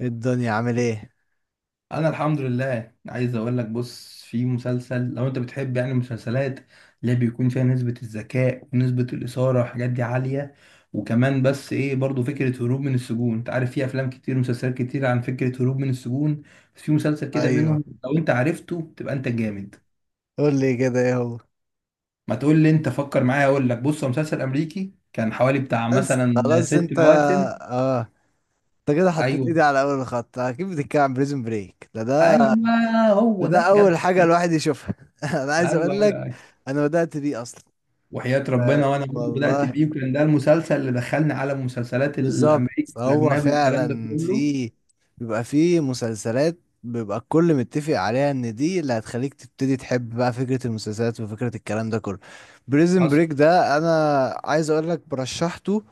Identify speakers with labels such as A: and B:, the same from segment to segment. A: الدنيا عامل ايه؟
B: انا الحمد لله، عايز اقول لك بص، في مسلسل لو انت بتحب يعني المسلسلات اللي بيكون فيها نسبة الذكاء ونسبة الإثارة والحاجات دي عالية، وكمان بس ايه برضو فكرة هروب من السجون. انت عارف في افلام كتير ومسلسلات كتير عن فكرة هروب من السجون، بس في مسلسل كده
A: ايوه.
B: منهم لو انت عرفته تبقى انت جامد.
A: قول لي كده ايه هو؟
B: ما تقول لي انت، فكر معايا. اقول لك بص، هو مسلسل امريكي كان حوالي بتاع
A: بس
B: مثلا
A: خلاص
B: ست
A: انت.
B: مواسم.
A: اه، انت كده حطيت
B: ايوه.
A: ايدي على اول خط، اكيد بتتكلم عن بريزون بريك. ده.
B: ايوه.
A: ده,
B: هو
A: ده
B: ده
A: اول
B: جدع
A: حاجه
B: جدع.
A: الواحد يشوفها. انا عايز
B: ايوه،
A: اقول
B: ايوه،
A: لك،
B: أيوه.
A: انا بدات بيه اصلا.
B: وحياة ربنا،
A: آه
B: وانا برضه بدأت
A: والله،
B: بيه، وكان ده المسلسل اللي دخلني على المسلسلات
A: بالظبط.
B: الامريكي
A: هو
B: والاجنبي والكلام ده
A: فعلا
B: كله.
A: في، بيبقى في مسلسلات، بيبقى الكل متفق عليها ان دي اللي هتخليك تبتدي تحب بقى فكره المسلسلات وفكره الكلام ده كله. بريزون
B: حصل.
A: بريك ده انا عايز اقول لك برشحته.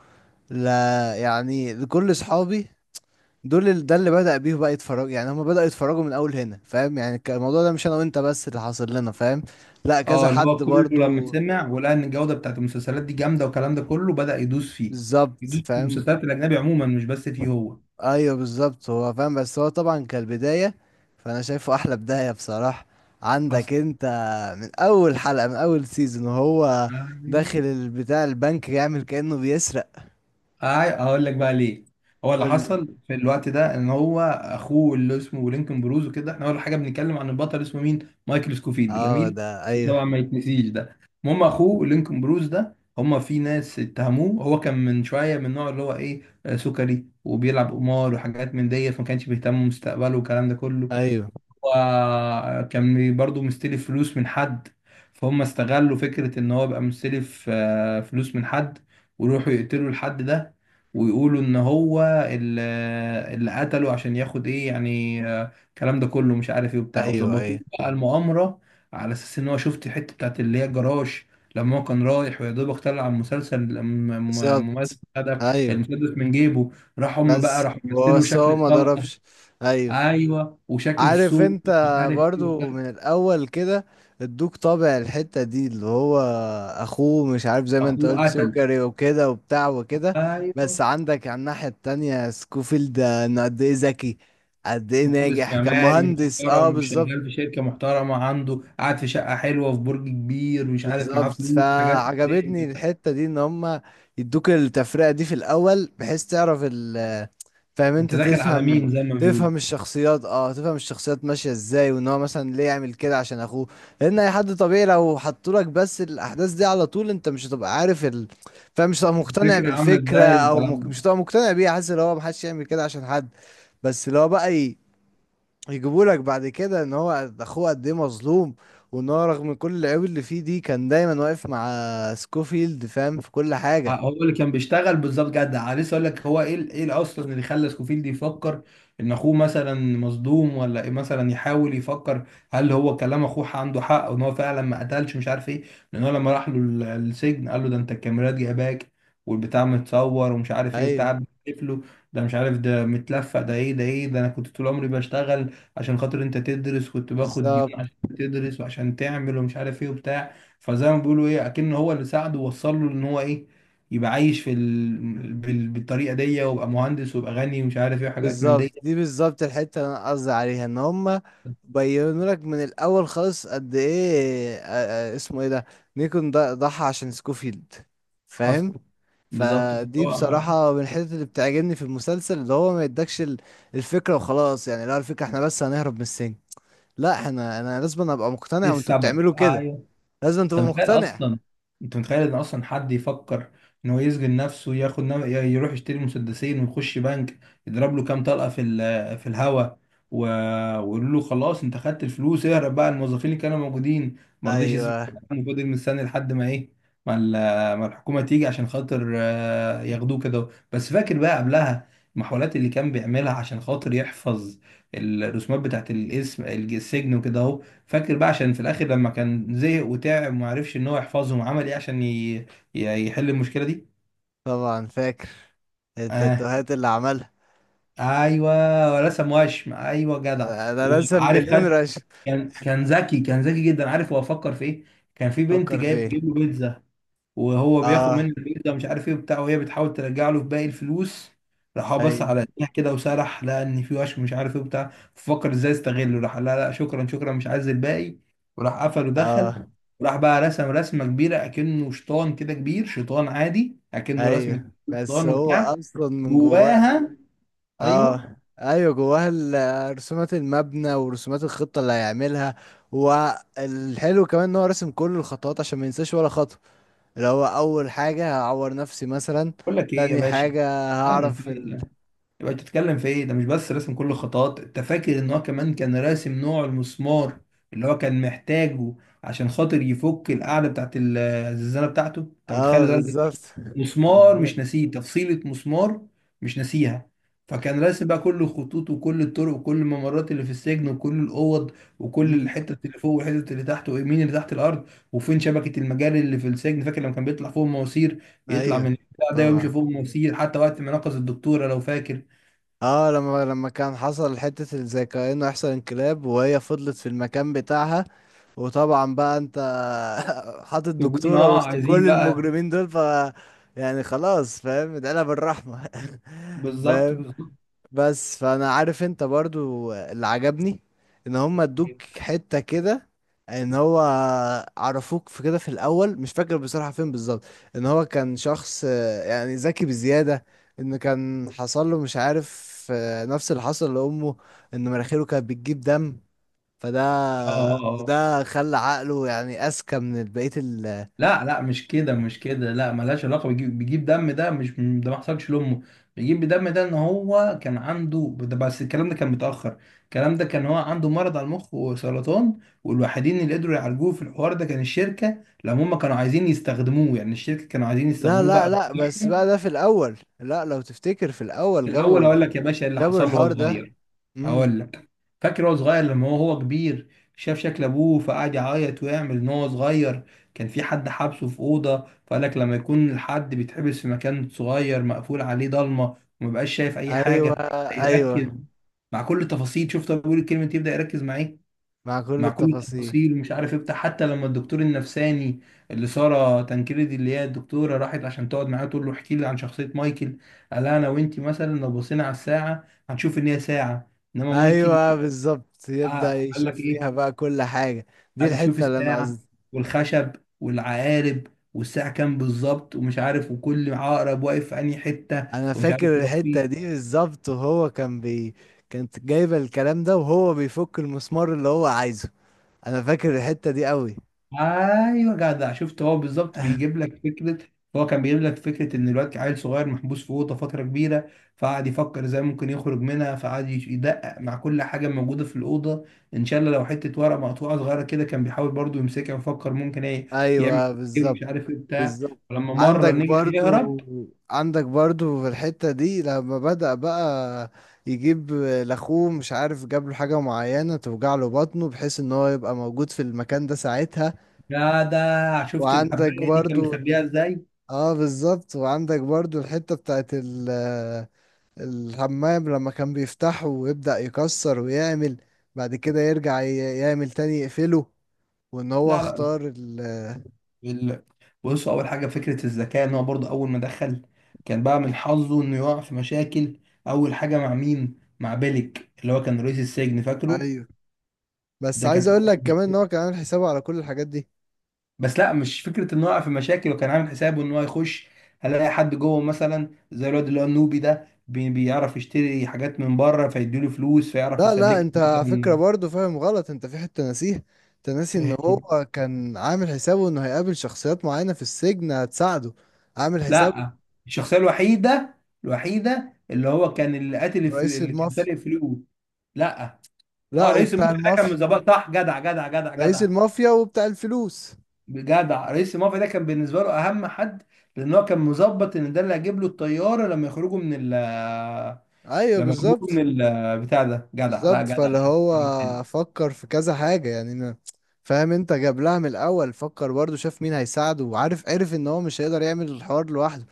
A: لا يعني كل اصحابي دول ده اللي بدأ بيه بقى يتفرج، يعني هم بدأوا يتفرجوا من اول هنا. فاهم يعني الموضوع ده مش انا وانت بس اللي حاصل لنا، فاهم؟ لا كذا
B: اه، اللي هو
A: حد
B: كله لما
A: برضو.
B: سمع ولقى ان الجودة بتاعت المسلسلات دي جامدة والكلام ده كله بدأ يدوس فيه،
A: بالظبط
B: يدوس في
A: فاهم.
B: المسلسلات الاجنبي عموما مش بس فيه هو.
A: ايوه بالظبط هو فاهم، بس هو طبعا كالبداية. فانا شايفه احلى بداية بصراحة. عندك انت من اول حلقة من اول سيزون وهو
B: حصل.
A: داخل البتاع البنك يعمل كأنه بيسرق.
B: أي- اقول لك بقى ليه. هو اللي
A: قول لي.
B: حصل في الوقت ده ان هو اخوه اللي اسمه لينكولن بروز وكده. احنا اول حاجه بنتكلم عن البطل اسمه مين؟ مايكل سكوفيلد،
A: اه
B: جميل.
A: ده ايوه.
B: طبعا ما يتنسيش ده. المهم اخوه لينكولن بروز ده، هما في ناس اتهموه. هو كان من شويه من النوع اللي هو ايه، سكري وبيلعب قمار وحاجات من دي، فما كانش بيهتم بمستقبله والكلام ده كله.
A: ايوه
B: هو كان برضه مستلف فلوس من حد، فهم استغلوا فكرة ان هو بقى مستلف، فلوس من حد، ويروحوا يقتلوا الحد ده، ويقولوا ان هو اللي اللي قتله عشان ياخد ايه يعني، الكلام ده كله مش عارف ايه وبتاع،
A: ايوه.
B: وظبطوا له
A: ايوه.
B: بقى المؤامرة. على اساس ان هو، شفت الحتة بتاعت اللي هي الجراج، لما هو كان رايح ويا دوبك طلع المسلسل
A: بالظبط.
B: ممثل ده
A: ايوه
B: المسدس من جيبه، راح هم بقى
A: بس
B: راح مثلوا
A: بس
B: شكل
A: هو ما
B: الطلقة،
A: ضربش. ايوه.
B: ايوه وشكل
A: عارف
B: السوق
A: انت؟
B: مش عارف ايه وبتاع،
A: برضو من الاول كده ادوك طابع الحتة دي، اللي هو اخوه مش عارف زي ما انت
B: اخوه
A: قلت
B: قتل.
A: سكري وكده وبتاع وكده.
B: ايوه.
A: بس عندك على الناحية التانية سكوفيلد، انه قد ايه ذكي، قد ايه
B: مهندس
A: ناجح
B: معماري
A: كمهندس. اه
B: محترم،
A: بالظبط.
B: شغال في شركه محترمه، عنده قاعد في شقه حلوه في برج كبير، مش عارف معاه
A: بالظبط
B: فلوس حاجات من دي.
A: فعجبتني
B: انت
A: الحتة دي ان هما يدوك التفرقة دي في الاول بحيث تعرف. فاهم؟
B: انت
A: انت
B: داخل على مين
A: تفهم.
B: زي ما بيقولوا.
A: تفهم الشخصيات، اه تفهم الشخصيات ماشيه ازاي، وان هو مثلا ليه يعمل كده عشان اخوه. لان اي حد طبيعي لو حطولك بس الاحداث دي على طول انت مش هتبقى عارف فاهم، مش هتبقى مقتنع
B: الفكره عامله
A: بالفكره
B: ازاي
A: او
B: والكلام ده.
A: مش هتبقى مقتنع بيها، حاسس ان هو محدش يعمل كده عشان حد. بس لو بقى يجيبولك بعد كده ان هو اخوه قد ايه مظلوم، وان هو رغم كل العيوب اللي فيه دي كان دايما واقف مع سكوفيلد، فاهم، في كل حاجه.
B: هو اللي كان بيشتغل بالظبط، جدع. لسه اقول لك، هو ايه ايه اصلا اللي خلى سكوفيلد يفكر ان اخوه مثلا مصدوم ولا إيه، مثلا يحاول يفكر هل هو كلام اخوه عنده حق وان هو فعلا ما قتلش مش عارف ايه. لان هو لما راح له السجن، قال له ده انت الكاميرات جايباك، والبتاع متصور ومش عارف ايه وبتاع
A: ايوه
B: بتلف له ده، مش عارف ده متلفق، ده ايه ده، ايه ده، انا كنت طول عمري بشتغل عشان خاطر انت تدرس، كنت باخد
A: بالظبط.
B: ديون عشان تدرس وعشان تعمل ومش عارف ايه وبتاع. فزي ما بيقولوا ايه، اكن هو اللي ساعده ووصل له ان هو ايه، يبقى عايش في بالطريقه دي ويبقى مهندس ويبقى غني ومش عارف ايه وحاجات من
A: بالظبط
B: دي.
A: دي بالظبط الحتة اللي انا قصدي عليها، ان هما بينوا لك من الاول خالص قد ايه اسمه ايه ده، نيكون ضحى عشان سكوفيلد.
B: حصل.
A: فاهم؟
B: بالظبط،
A: فدي
B: فهو.
A: بصراحة من الحتت اللي بتعجبني في المسلسل، اللي هو ما يدكش الفكرة وخلاص، يعني لا، الفكرة احنا بس هنهرب من السجن. لا احنا، انا لازم ابقى
B: ايه
A: مقتنع وانتوا
B: السبب،
A: بتعملوا كده.
B: ايوه.
A: لازم تبقى
B: انت متخيل
A: مقتنع.
B: اصلا، انت متخيل ان اصلا حد يفكر ان هو يسجن نفسه، يروح يشتري مسدسين ويخش بنك، يضرب له كام طلقه في في الهوا و... ويقول له خلاص انت خدت الفلوس اهرب بقى، الموظفين اللي كانوا موجودين ما رضيش يسمع
A: ايوه
B: الكلام وفضل مستني لحد ما ايه، ما, ال... ما الحكومه تيجي عشان خاطر، ياخدوه كده. بس فاكر بقى قبلها المحاولات اللي كان بيعملها عشان خاطر يحفظ الرسومات بتاعت الاسم السجن وكده اهو. فاكر بقى عشان في الاخر لما كان زهق وتعب وما عرفش ان هو يحفظهم، عمل ايه عشان يحل المشكله دي.
A: طبعا فاكر.
B: اه.
A: التاتوهات اللي عملها.
B: ايوه، رسم وشم، ايوه جدع.
A: انا رسم
B: وعارف،
A: مليون
B: خد،
A: رشة.
B: كان ذكي، كان ذكي جدا. عارف هو فكر في ايه؟ كان في بنت
A: فكر
B: جايه
A: فيه.
B: بتجيب له بيتزا، وهو بياخد منه
A: اه
B: البيتزا مش عارف ايه وبتاع، وهي بتحاول ترجع له باقي الفلوس، راح هو بس
A: ايوه.
B: على ايديها كده وسرح، لقى ان في وشم مش عارف ايه وبتاع، ففكر ازاي يستغله، راح لا لا شكرا شكرا مش عايز الباقي، وراح قفل ودخل،
A: اه
B: وراح بقى رسم رسمه كبيره اكنه شيطان كده كبير، شيطان عادي اكنه رسمه
A: ايوه بس
B: شيطان
A: هو
B: وبتاع.
A: اصلا من جواه.
B: جواها. ايوه.
A: اه ايوه جواها رسومات المبنى ورسومات الخطه اللي هيعملها. والحلو كمان ان هو راسم كل الخطوات عشان ما ينساش ولا خطوه. اللي هو اول حاجه هعور نفسي مثلا،
B: بقول لك ايه يا
A: تاني
B: باشا،
A: حاجه
B: ثانيه
A: هعرف
B: ثانيه ثانية. يبقى انت بتتكلم في ايه؟ ده مش بس رسم كل الخطوات، انت فاكر ان هو كمان كان راسم نوع المسمار اللي هو كان محتاجه عشان خاطر يفك القاعده بتاعت الزنزانه بتاعته. انت متخيل
A: اه
B: درجه ايه؟
A: بالظبط.
B: مسمار مش
A: بالظبط.
B: ناسيه تفصيله مسمار، مش ناسيها. فكان راسم بقى كل الخطوط وكل الطرق وكل الممرات اللي في السجن وكل الاوض، وكل
A: مم.
B: الحته اللي فوق والحته اللي تحت ومين اللي تحت الارض وفين شبكه المجاري اللي في السجن. فاكر لما كان بيطلع فوق المواسير؟ يطلع من
A: ايوه
B: البتاع ده ويمشي
A: طبعا.
B: فوق المواسير، حتى وقت ما نقص الدكتوره لو فاكر،
A: اه، لما كان حصل حتة زي كأنه يحصل انقلاب وهي فضلت في المكان بتاعها. وطبعا بقى انت، حاطط
B: يكون
A: دكتورة
B: اه
A: وسط
B: عايزين
A: كل
B: بقى.
A: المجرمين دول، ف يعني خلاص فاهم ادعيلها بالرحمة.
B: بالظبط،
A: فاهم؟
B: بالظبط.
A: بس فانا عارف انت برضو اللي عجبني، ان هم
B: اه،
A: ادوك حتة كده، ان هو عرفوك في كده في الاول، مش فاكر بصراحة فين بالظبط، ان هو كان شخص يعني ذكي بزيادة، ان كان حصل له مش عارف نفس اللي حصل لامه، ان مناخيره كانت بتجيب دم. فده
B: اه، اه.
A: وده خلى عقله يعني اذكى من بقية ال.
B: لا لا، مش كده مش كده، لا ملهاش علاقه بيجيب دم، ده مش ده، ما حصلش لامه. بيجيب دم ده ان هو كان عنده ده، بس الكلام ده كان متاخر. الكلام ده كان هو عنده مرض على المخ وسرطان، والوحيدين اللي قدروا يعالجوه في الحوار ده كان الشركه لما هم كانوا عايزين يستخدموه، يعني الشركه كانوا عايزين
A: لا
B: يستخدموه
A: لا
B: بقى.
A: لا بس بقى ده في الاول، لا لو تفتكر في الاول
B: في الاول
A: جابوا،
B: هقول لك يا باشا إيه اللي
A: جابوا
B: حصل له وهو
A: الحوار ده.
B: صغير.
A: امم
B: هقول لك، فاكر هو صغير، لما هو كبير، شاف شكل ابوه فقعد يعيط ويعمل. ان هو صغير كان في حد حابسه في اوضه، فقال لك لما يكون الحد بيتحبس في مكان صغير مقفول عليه ضلمه ومبقاش شايف اي
A: ايوه.
B: حاجه،
A: ايوه
B: يركز مع كل التفاصيل. شفت هو بيقول الكلمه دي، يبدا يركز معاك
A: مع كل
B: مع كل
A: التفاصيل.
B: التفاصيل ومش عارف ايه بتاع. حتى لما الدكتور النفساني اللي ساره تنكريدي اللي هي الدكتوره راحت عشان تقعد معاه تقول له احكي لي عن شخصيه مايكل، قال لها انا وانتي مثلا لو بصينا على الساعه هنشوف ان هي ساعه، انما مايكل،
A: ايوه بالظبط يبدأ
B: قال لك
A: يشوف
B: ايه،
A: فيها بقى كل حاجة، دي
B: هنشوف
A: الحتة اللي انا
B: الساعه
A: قصدي.
B: والخشب والعقارب والساعه كام بالظبط ومش عارف، وكل عقرب واقف في انهي حته
A: انا
B: ومش عارف
A: فاكر
B: لو
A: الحتة
B: في.
A: دي بالظبط وهو كان كانت جايبة الكلام ده وهو بيفك المسمار اللي هو عايزه. انا فاكر الحتة دي قوي.
B: ايوه جدع، شفت هو بالظبط بيجيب لك فكره، هو كان بيجيب لك فكره ان الواد عيل صغير محبوس في اوضه فتره كبيره، فقعد يفكر ازاي ممكن يخرج منها، فقعد يدقق مع كل حاجه موجوده في الاوضه. ان شاء الله لو حته ورقه مقطوعه صغيره كده كان بيحاول برضو يمسكها ويفكر ممكن ايه يعمل،
A: ايوه
B: ايه
A: بالظبط.
B: مش عارف ايه بتاع.
A: بالظبط
B: ولما مره
A: عندك
B: نجح يهرب.
A: برضو، عندك برضو في الحتة دي لما بدأ بقى يجيب لاخوه مش عارف جاب له حاجة معينة توجع له بطنه بحيث ان هو يبقى موجود في المكان ده ساعتها.
B: جدع، شفت
A: وعندك
B: الحبايه دي كان
A: برضو
B: مخبيها ازاي.
A: اه بالظبط، وعندك برضو الحتة بتاعت الحمام لما كان بيفتحه ويبدأ يكسر ويعمل، بعد كده يرجع يعمل تاني يقفله، وان هو
B: لا لا
A: اختار
B: ال- بصوا، اول حاجه فكره الذكاء ان هو برضه اول ما دخل كان بقى من حظه انه يقع في مشاكل. اول حاجه مع مين؟ مع بيلك اللي هو كان رئيس السجن، فاكره؟
A: ايوه بس
B: ده
A: عايز
B: كانت
A: اقول
B: اول
A: لك كمان ان
B: مشكله.
A: هو كان عامل حسابه على كل الحاجات دي.
B: بس لا مش فكره انه يقع في مشاكل، وكان عامل حسابه ان هو يخش هلاقي حد جوه، مثلا زي الواد اللي هو النوبي ده بيعرف يشتري حاجات من بره، فيديله فلوس فيعرف
A: لا لا،
B: يسلك
A: انت على فكرة
B: له.
A: برضه فاهم غلط، انت في حتة ناسيه. انت ناسي ان
B: مثلا؟
A: هو كان عامل حسابه انه هيقابل شخصيات معينة في السجن هتساعده. عامل حسابه.
B: لا، الشخصيه الوحيده، الوحيده اللي هو كان، اللي
A: رئيس
B: اللي كان
A: المافيا.
B: سارق فلوس. لا. اه
A: لا
B: رئيس
A: وبتاع
B: المافيا ده كان من
A: المافيا.
B: ظباط، صح، جدع جدع جدع
A: رئيس
B: جدع.
A: المافيا وبتاع الفلوس.
B: جدع، رئيس المافيا ده كان بالنسبه له اهم حد، لان هو كان مظبط ان ده اللي هيجيب له الطياره لما يخرجوا من ال،
A: ايوه
B: لما يخرجوا
A: بالظبط.
B: من ال بتاع ده، جدع، لا
A: بالظبط
B: جدع.
A: فاللي
B: حاجة
A: هو
B: تانية.
A: فكر في كذا حاجة، يعني أنا فاهم، انت جاب لها من الاول، فكر برضه شاف مين هيساعده، وعارف عرف ان هو مش هيقدر يعمل الحوار لوحده،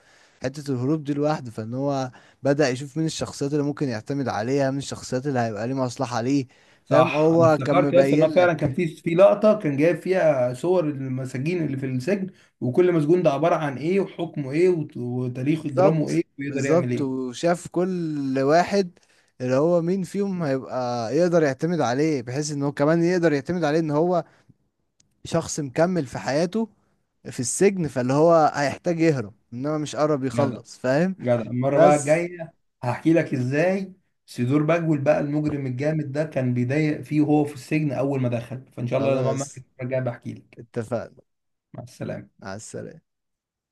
A: حتة الهروب دي لوحده. فان هو بدأ يشوف مين الشخصيات اللي ممكن يعتمد عليها، مين الشخصيات اللي هيبقى ليه مصلحة ليه. فاهم؟
B: صح، انا
A: هو كان
B: افتكرت يا اسطى، ان
A: مبين
B: هو فعلا كان
A: لك.
B: في في لقطه كان جايب فيها صور المساجين اللي في السجن، وكل مسجون ده عباره عن ايه، وحكمه ايه، وتاريخ اجرامه
A: بالظبط.
B: ايه، ويقدر يعمل
A: بالظبط
B: ايه.
A: وشاف كل واحد، اللي هو مين فيهم هيبقى يقدر يعتمد عليه، بحيث ان هو كمان يقدر يعتمد عليه ان هو شخص مكمل في حياته في السجن، فاللي هو هيحتاج يهرب، انما مش قرب
B: جدع،
A: يخلص، فاهم؟
B: جدع. المرة بقى
A: بس
B: الجاية هحكي لك ازاي سيدور بجول بقى، المجرم الجامد ده كان بيضايق فيه وهو في السجن أول ما دخل. فإن شاء الله لما أعمل المرة
A: خلاص،
B: الجاية بحكي لك.
A: اتفقنا.
B: مع السلامة.
A: على السلامة.